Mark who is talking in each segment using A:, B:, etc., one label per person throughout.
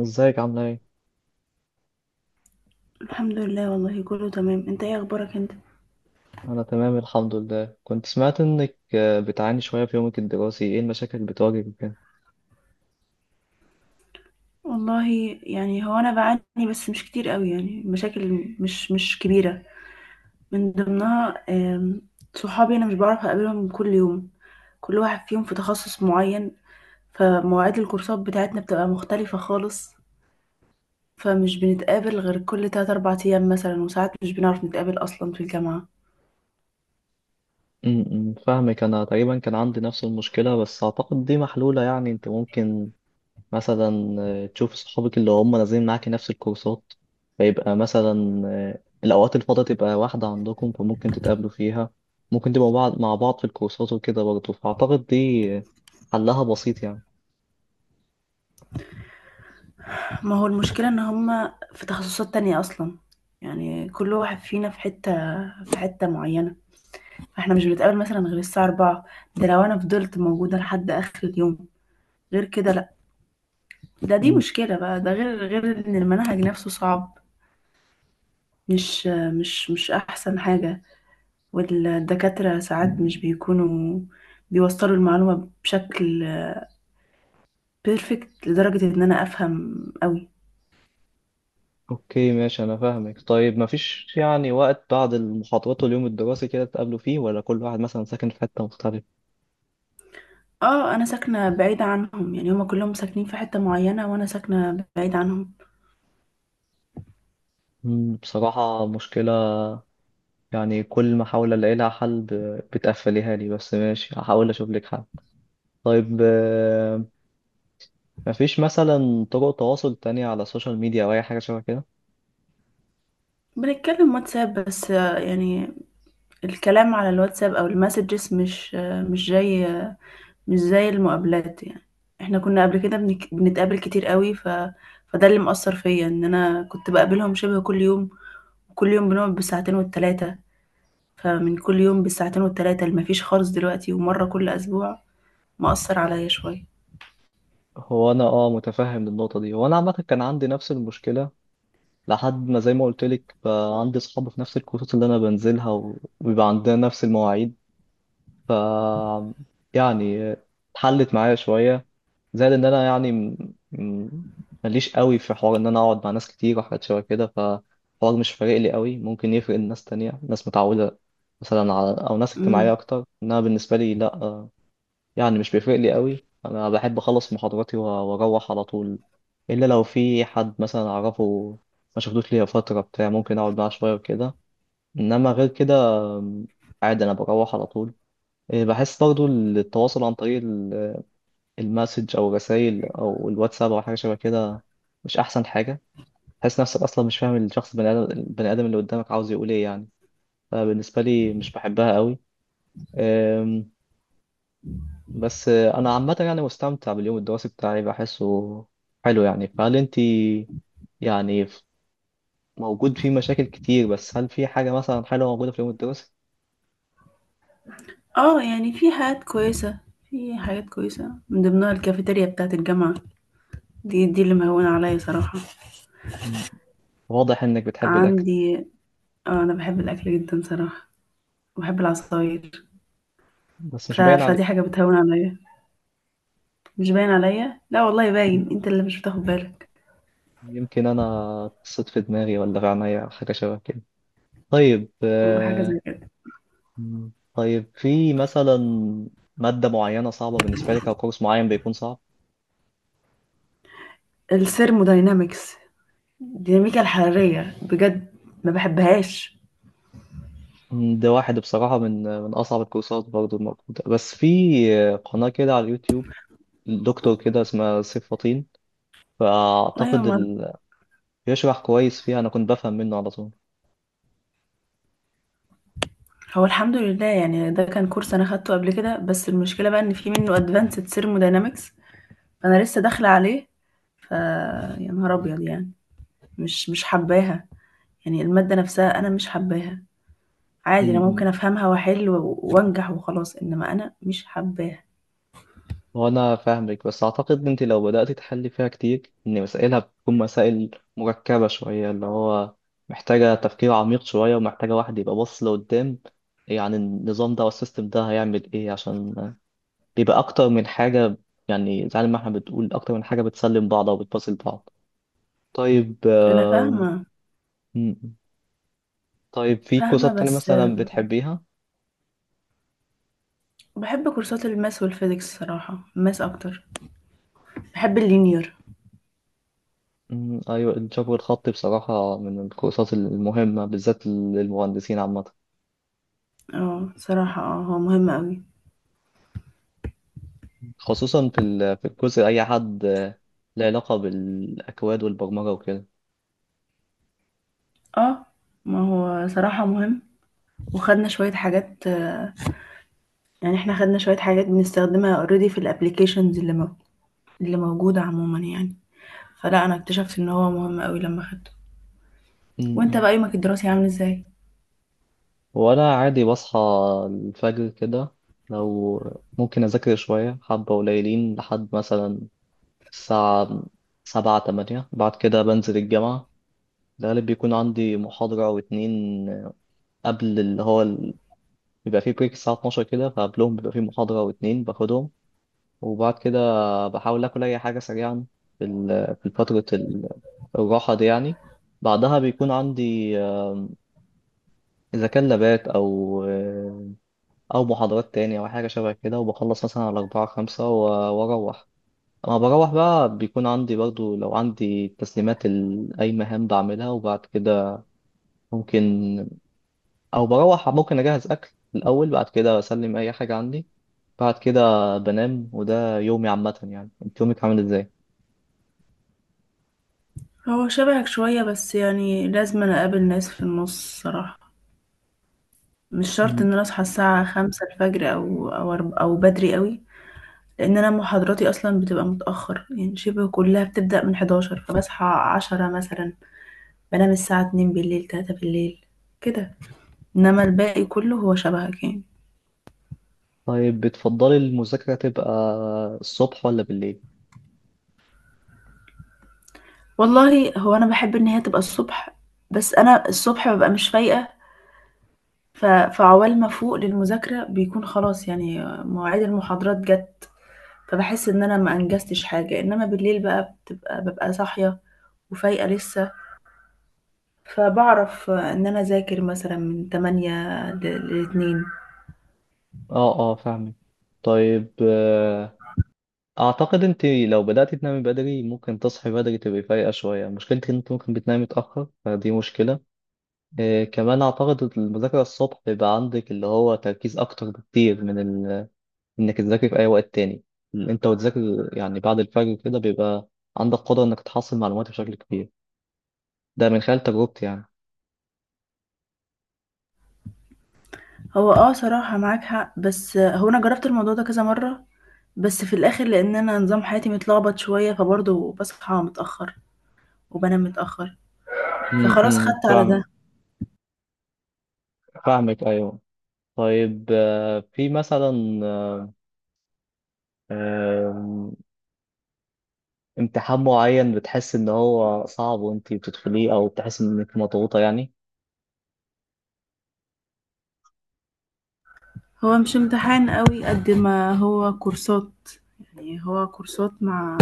A: ازيك عاملة ايه؟
B: الحمد لله والله كله تمام، انت ايه اخبارك انت؟
A: أنا تمام الحمد لله. كنت سمعت إنك بتعاني شوية في يومك الدراسي. ايه المشاكل اللي بتواجهك وكده؟
B: والله، يعني هو انا بعاني بس مش كتير قوي. يعني مشاكل مش كبيره. من ضمنها آم، صحابي انا مش بعرف اقابلهم كل يوم. كل واحد فيهم في تخصص معين. فمواعيد الكورسات بتاعتنا بتبقى مختلفه خالص. فمش بنتقابل غير كل 3 4 ايام مثلا، وساعات مش بنعرف نتقابل اصلا في الجامعه.
A: م- م، فاهمك. أنا تقريبا كان عندي نفس المشكلة بس أعتقد دي محلولة. يعني أنت ممكن مثلا تشوف صحابك اللي هم نازلين معاكي نفس الكورسات، فيبقى مثلا الأوقات الفاضية تبقى واحدة عندكم فممكن تتقابلوا فيها. ممكن تبقوا بعض مع بعض في الكورسات وكده برضه، فأعتقد دي حلها بسيط يعني.
B: ما هو المشكله ان هما في تخصصات تانية اصلا. يعني كل واحد فينا في حته في حته معينه. احنا مش بنتقابل مثلا غير الساعة 4. ده لو انا فضلت موجودة لحد اخر اليوم، غير كده لا. ده، دي مشكلة بقى، ده غير ان المنهج نفسه صعب. مش مش احسن حاجة. والدكاترة ساعات مش بيكونوا بيوصلوا المعلومة بشكل بيرفكت لدرجة ان انا افهم قوي.
A: اوكي ماشي انا فاهمك. طيب مفيش يعني وقت بعد المحاضرات واليوم الدراسي كده تقابلوا فيه، ولا كل واحد مثلا ساكن في حتة مختلفة؟
B: اه، انا ساكنة بعيدة عنهم. يعني هما كلهم ساكنين في حتة معينة وانا ساكنة بعيدة عنهم.
A: مم، بصراحة مشكلة. يعني كل ما احاول الاقي لها حل بتقفليها لي، بس ماشي هحاول اشوف لك حل. طيب مفيش مثلا طرق تواصل تانية على السوشيال ميديا او اي حاجة شبه كده؟
B: بنتكلم واتساب بس، يعني الكلام على الواتساب او المسجز مش جاي، مش زي المقابلات يعني. احنا كنا قبل كده بنتقابل كتير قوي، فده اللي مأثر فيا ان انا كنت بقابلهم شبه كل يوم. كل يوم بنقعد بالساعتين والتلاتة. فمن كل يوم بالساعتين والتلاتة اللي مفيش خالص دلوقتي ومرة كل اسبوع، مأثر عليا شوية.
A: هو انا اه متفهم النقطة دي، وانا عامة كان عندي نفس المشكلة لحد ما زي ما قلت لك بقى عندي اصحاب في نفس الكورسات اللي انا بنزلها وبيبقى عندنا نفس المواعيد. ف يعني اتحلت معايا شوية. زائد ان انا يعني ماليش قوي في حوار ان انا اقعد مع ناس كتير وحاجات شبه كده، فالحوار مش فارق لي قوي. ممكن يفرق لناس تانية، ناس متعودة مثلا على، او ناس اجتماعية
B: امم.
A: اكتر، انما بالنسبة لي لا. يعني مش بيفرق لي قوي. انا بحب اخلص محاضراتي واروح على طول، الا لو في حد مثلا اعرفه ما شفتوش ليا فترة بتاع ممكن اقعد معاه شوية وكده. انما غير كده آم، عادي انا بروح على طول. بحس برضو التواصل عن طريق المسج او الرسائل او الواتساب او حاجه شبه كده مش احسن حاجه. تحس نفسك اصلا مش فاهم الشخص البني ادم اللي قدامك عاوز يقول ايه يعني. فبالنسبه لي مش بحبها قوي. أم، بس انا عامه يعني مستمتع باليوم الدراسي بتاعي، بحسه حلو يعني. فهل انت يعني موجود فيه مشاكل كتير، بس هل في حاجه مثلا حلوه موجوده في اليوم الدراسي؟
B: اه، يعني في حاجات كويسة. في حاجات كويسة من ضمنها الكافيتيريا بتاعة الجامعة. دي اللي مهونة عليا صراحة.
A: مم. واضح انك بتحب الاكل.
B: عندي، اه انا بحب الاكل جدا صراحة، وبحب العصاير.
A: بس مش باين عليك.
B: فدي حاجة بتهون عليا. مش باين عليا؟ لا والله، باين، انت اللي مش بتاخد بالك.
A: يمكن أنا قصت في دماغي ولا في عينيا أو حاجة شبه كده. طيب
B: حاجه زي كده.
A: مم، طيب في مثلا مادة معينة صعبة بالنسبة لك أو كورس معين بيكون صعب؟
B: الثيرموداينامكس، الديناميكا الحراريه بجد ما بحبهاش.
A: مم، ده واحد بصراحة من أصعب الكورسات برضو الموجودة. بس في قناة كده على اليوتيوب، دكتور كده اسمها سيف فطين،
B: ايوه،
A: فأعتقد
B: ما
A: ال... بيشرح كويس فيها. أنا كنت بفهم منه على
B: هو الحمد لله يعني ده كان كورس انا خدته قبل كده، بس المشكله بقى ان في منه ادفانسد ثيرموداينامكس. فانا لسه داخله عليه. ف يا نهار ابيض يعني. مش حباها. يعني الماده نفسها انا مش حباها. عادي، انا
A: طول.
B: ممكن افهمها واحل وانجح وخلاص، انما انا مش حباها.
A: هو أنا فاهمك، بس أعتقد إن أنت لو بدأت تحلي فيها كتير، إن مسائلها بتكون مسائل مركبة شوية، اللي هو محتاجة تفكير عميق شوية ومحتاجة واحد يبقى باص لقدام، يعني النظام ده والسيستم ده هيعمل إيه، عشان بيبقى أكتر من حاجة. يعني زي ما إحنا بتقول أكتر من حاجة بتسلم بعض أو بتباصل بعض. طيب
B: انا فاهمه،
A: م- طيب في
B: فاهمه
A: كورسات تانية
B: بس.
A: مثلا بتحبيها؟
B: بحب كورسات الماس والفيزيكس صراحة، الماس أكتر. بحب اللينير.
A: م، أيوة. الجبر الخطي بصراحة من الكورسات المهمة بالذات للمهندسين عامة،
B: اه صراحة، اه هو مهم أوي.
A: خصوصا في في الجزء أي حد له علاقة بالأكواد والبرمجة وكده.
B: اه، ما هو صراحة مهم. وخدنا شوية حاجات. يعني احنا خدنا شوية حاجات بنستخدمها اوريدي في الابليكيشنز اللي موجودة عموما يعني. فلا، أنا اكتشفت إن هو مهم أوي لما خدته.
A: م-
B: وانت
A: م.
B: بقى يومك الدراسي عامل ازاي؟
A: وأنا عادي بصحى الفجر كده، لو ممكن أذاكر شوية حبة قليلين لحد مثلا الساعة 7 8. بعد كده بنزل الجامعة. الغالب بيكون عندي محاضرة أو اتنين قبل اللي هو بيبقى فيه بريك الساعة 12 كده، فقبلهم بيبقى فيه محاضرة أو اتنين باخدهم. وبعد كده بحاول آكل أي حاجة سريعا في في فترة الراحة دي يعني. بعدها بيكون عندي إذا كان لابات أو أو محاضرات تانية أو حاجة شبه كده. وبخلص مثلا على 4 5 وأروح. أما بروح بقى بيكون عندي برضو لو عندي تسليمات أي مهام بعملها. وبعد كده ممكن، أو بروح ممكن أجهز أكل الأول بعد كده أسلم أي حاجة عندي. بعد كده بنام. وده يومي عامة يعني. أنت يومك عامل إزاي؟
B: هو شبهك شوية، بس يعني لازم أنا أقابل ناس في النص صراحة. مش شرط إن أنا أصحى الساعة خمسة الفجر أو بدري أوي، لان انا محاضراتي اصلا بتبقى متاخر. يعني شبه كلها بتبدا من 11، فبصحى 10 مثلا، بنام الساعه 2 بالليل، 3 بالليل كده. انما الباقي كله هو شبهك يعني.
A: طيب بتفضلي المذاكرة تبقى الصبح ولا بالليل؟
B: والله، هو انا بحب ان هي تبقى الصبح، بس انا الصبح ببقى مش فايقه. فعوال ما فوق للمذاكره بيكون خلاص، يعني مواعيد المحاضرات جت، فبحس ان انا ما انجزتش حاجه. انما بالليل بقى، ببقى صاحيه وفايقه لسه، فبعرف ان انا اذاكر مثلا من 8 لاتنين.
A: اه اه فاهمك. طيب اعتقد انت لو بدأتي تنامي بدري ممكن تصحي بدري تبقي فايقة شوية. مشكلتك ان انت ممكن بتنامي متأخر، فدي مشكلة. كمان اعتقد المذاكرة الصبح بيبقى عندك اللي هو تركيز اكتر بكتير من ال... انك تذاكري في اي وقت تاني اللي انت وتذاكر. يعني بعد الفجر كده بيبقى عندك قدرة انك تحصل معلومات بشكل كبير. ده من خلال تجربتي يعني.
B: هو اه صراحة معاك حق، بس هو انا جربت الموضوع ده كذا مرة، بس في الاخر لان انا نظام حياتي متلخبط شوية فبرضه بصحى متأخر وبنام متأخر. فخلاص
A: امم،
B: خدت على
A: فاهم
B: ده.
A: فاهمك ايوه. طيب في مثلا آم، امتحان معين بتحس ان هو صعب وانتي بتدخليه، او بتحس انك مضغوطة يعني؟
B: هو مش امتحان قوي قد ما هو كورسات. يعني هو كورسات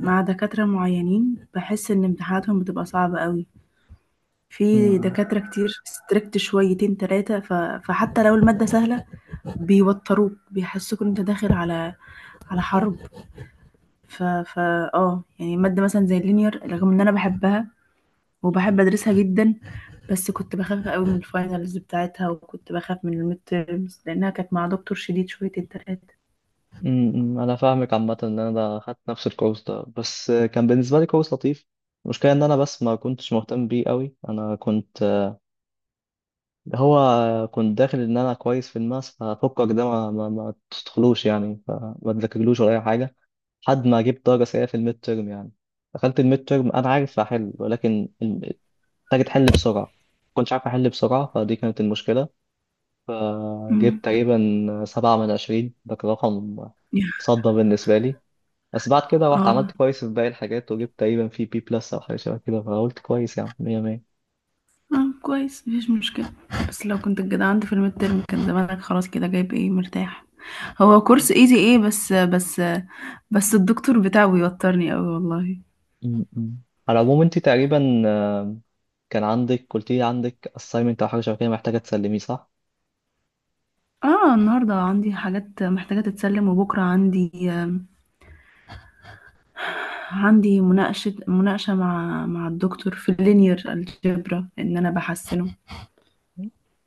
B: مع دكاترة معينين، بحس ان امتحاناتهم بتبقى صعبة قوي. في
A: امم
B: دكاترة كتير ستريكت شويتين تلاتة، فحتى لو المادة سهلة، بيوتروك بيحسوك ان انت داخل على حرب. ف ف اه يعني مادة مثلا زي اللينير، رغم ان انا بحبها وبحب ادرسها جدا، بس كنت بخاف قوي من الفاينلز بتاعتها، وكنت بخاف من الميد تيرمز لانها كانت مع دكتور شديد شوية التلاتة.
A: انا فاهمك. عامة ان انا خدت نفس الكورس ده، بس كان بالنسبة لي كورس لطيف. المشكلة ان انا بس ما كنتش مهتم بيه قوي. انا كنت هو كنت داخل ان انا كويس في الماس، ففكك ده ما تدخلوش يعني، فما تذاكرلوش ولا اي حاجة لحد ما جبت درجة سيئة في الميد تيرم يعني. دخلت الميد تيرم انا عارف احل، ولكن محتاج تحل بسرعة. ما كنتش عارف أحل بسرعة، فدي كانت المشكلة.
B: امم.
A: فجبت تقريبا 7 من 20. ده كان رقم صدى بالنسبة لي. بس بعد كده رحت عملت
B: اه
A: كويس في باقي الحاجات وجبت تقريبا في بي بلس أو حاجة شبه كده، فقلت كويس يعني مية مية.
B: اه كويس، مفيش مشكلة. بس لو كنت الجدع عندي في الميد ترم كان زمانك خلاص كده جايب ايه مرتاح. هو كورس ايزي ايه، بس الدكتور بتاعه بيوترني قوي والله.
A: م- م. على العموم أنت تقريبا كان عندك، قلت لي عندك assignment أو حاجة شبه كده محتاجة تسلميه، صح؟
B: اه، النهارده عندي حاجات محتاجة تتسلم، وبكرة عندي مناقشة مع الدكتور في اللينير الجبرا ان انا بحسنه.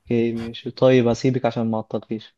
A: اوكي ماشي. طيب هسيبك عشان ما أعطلكيش.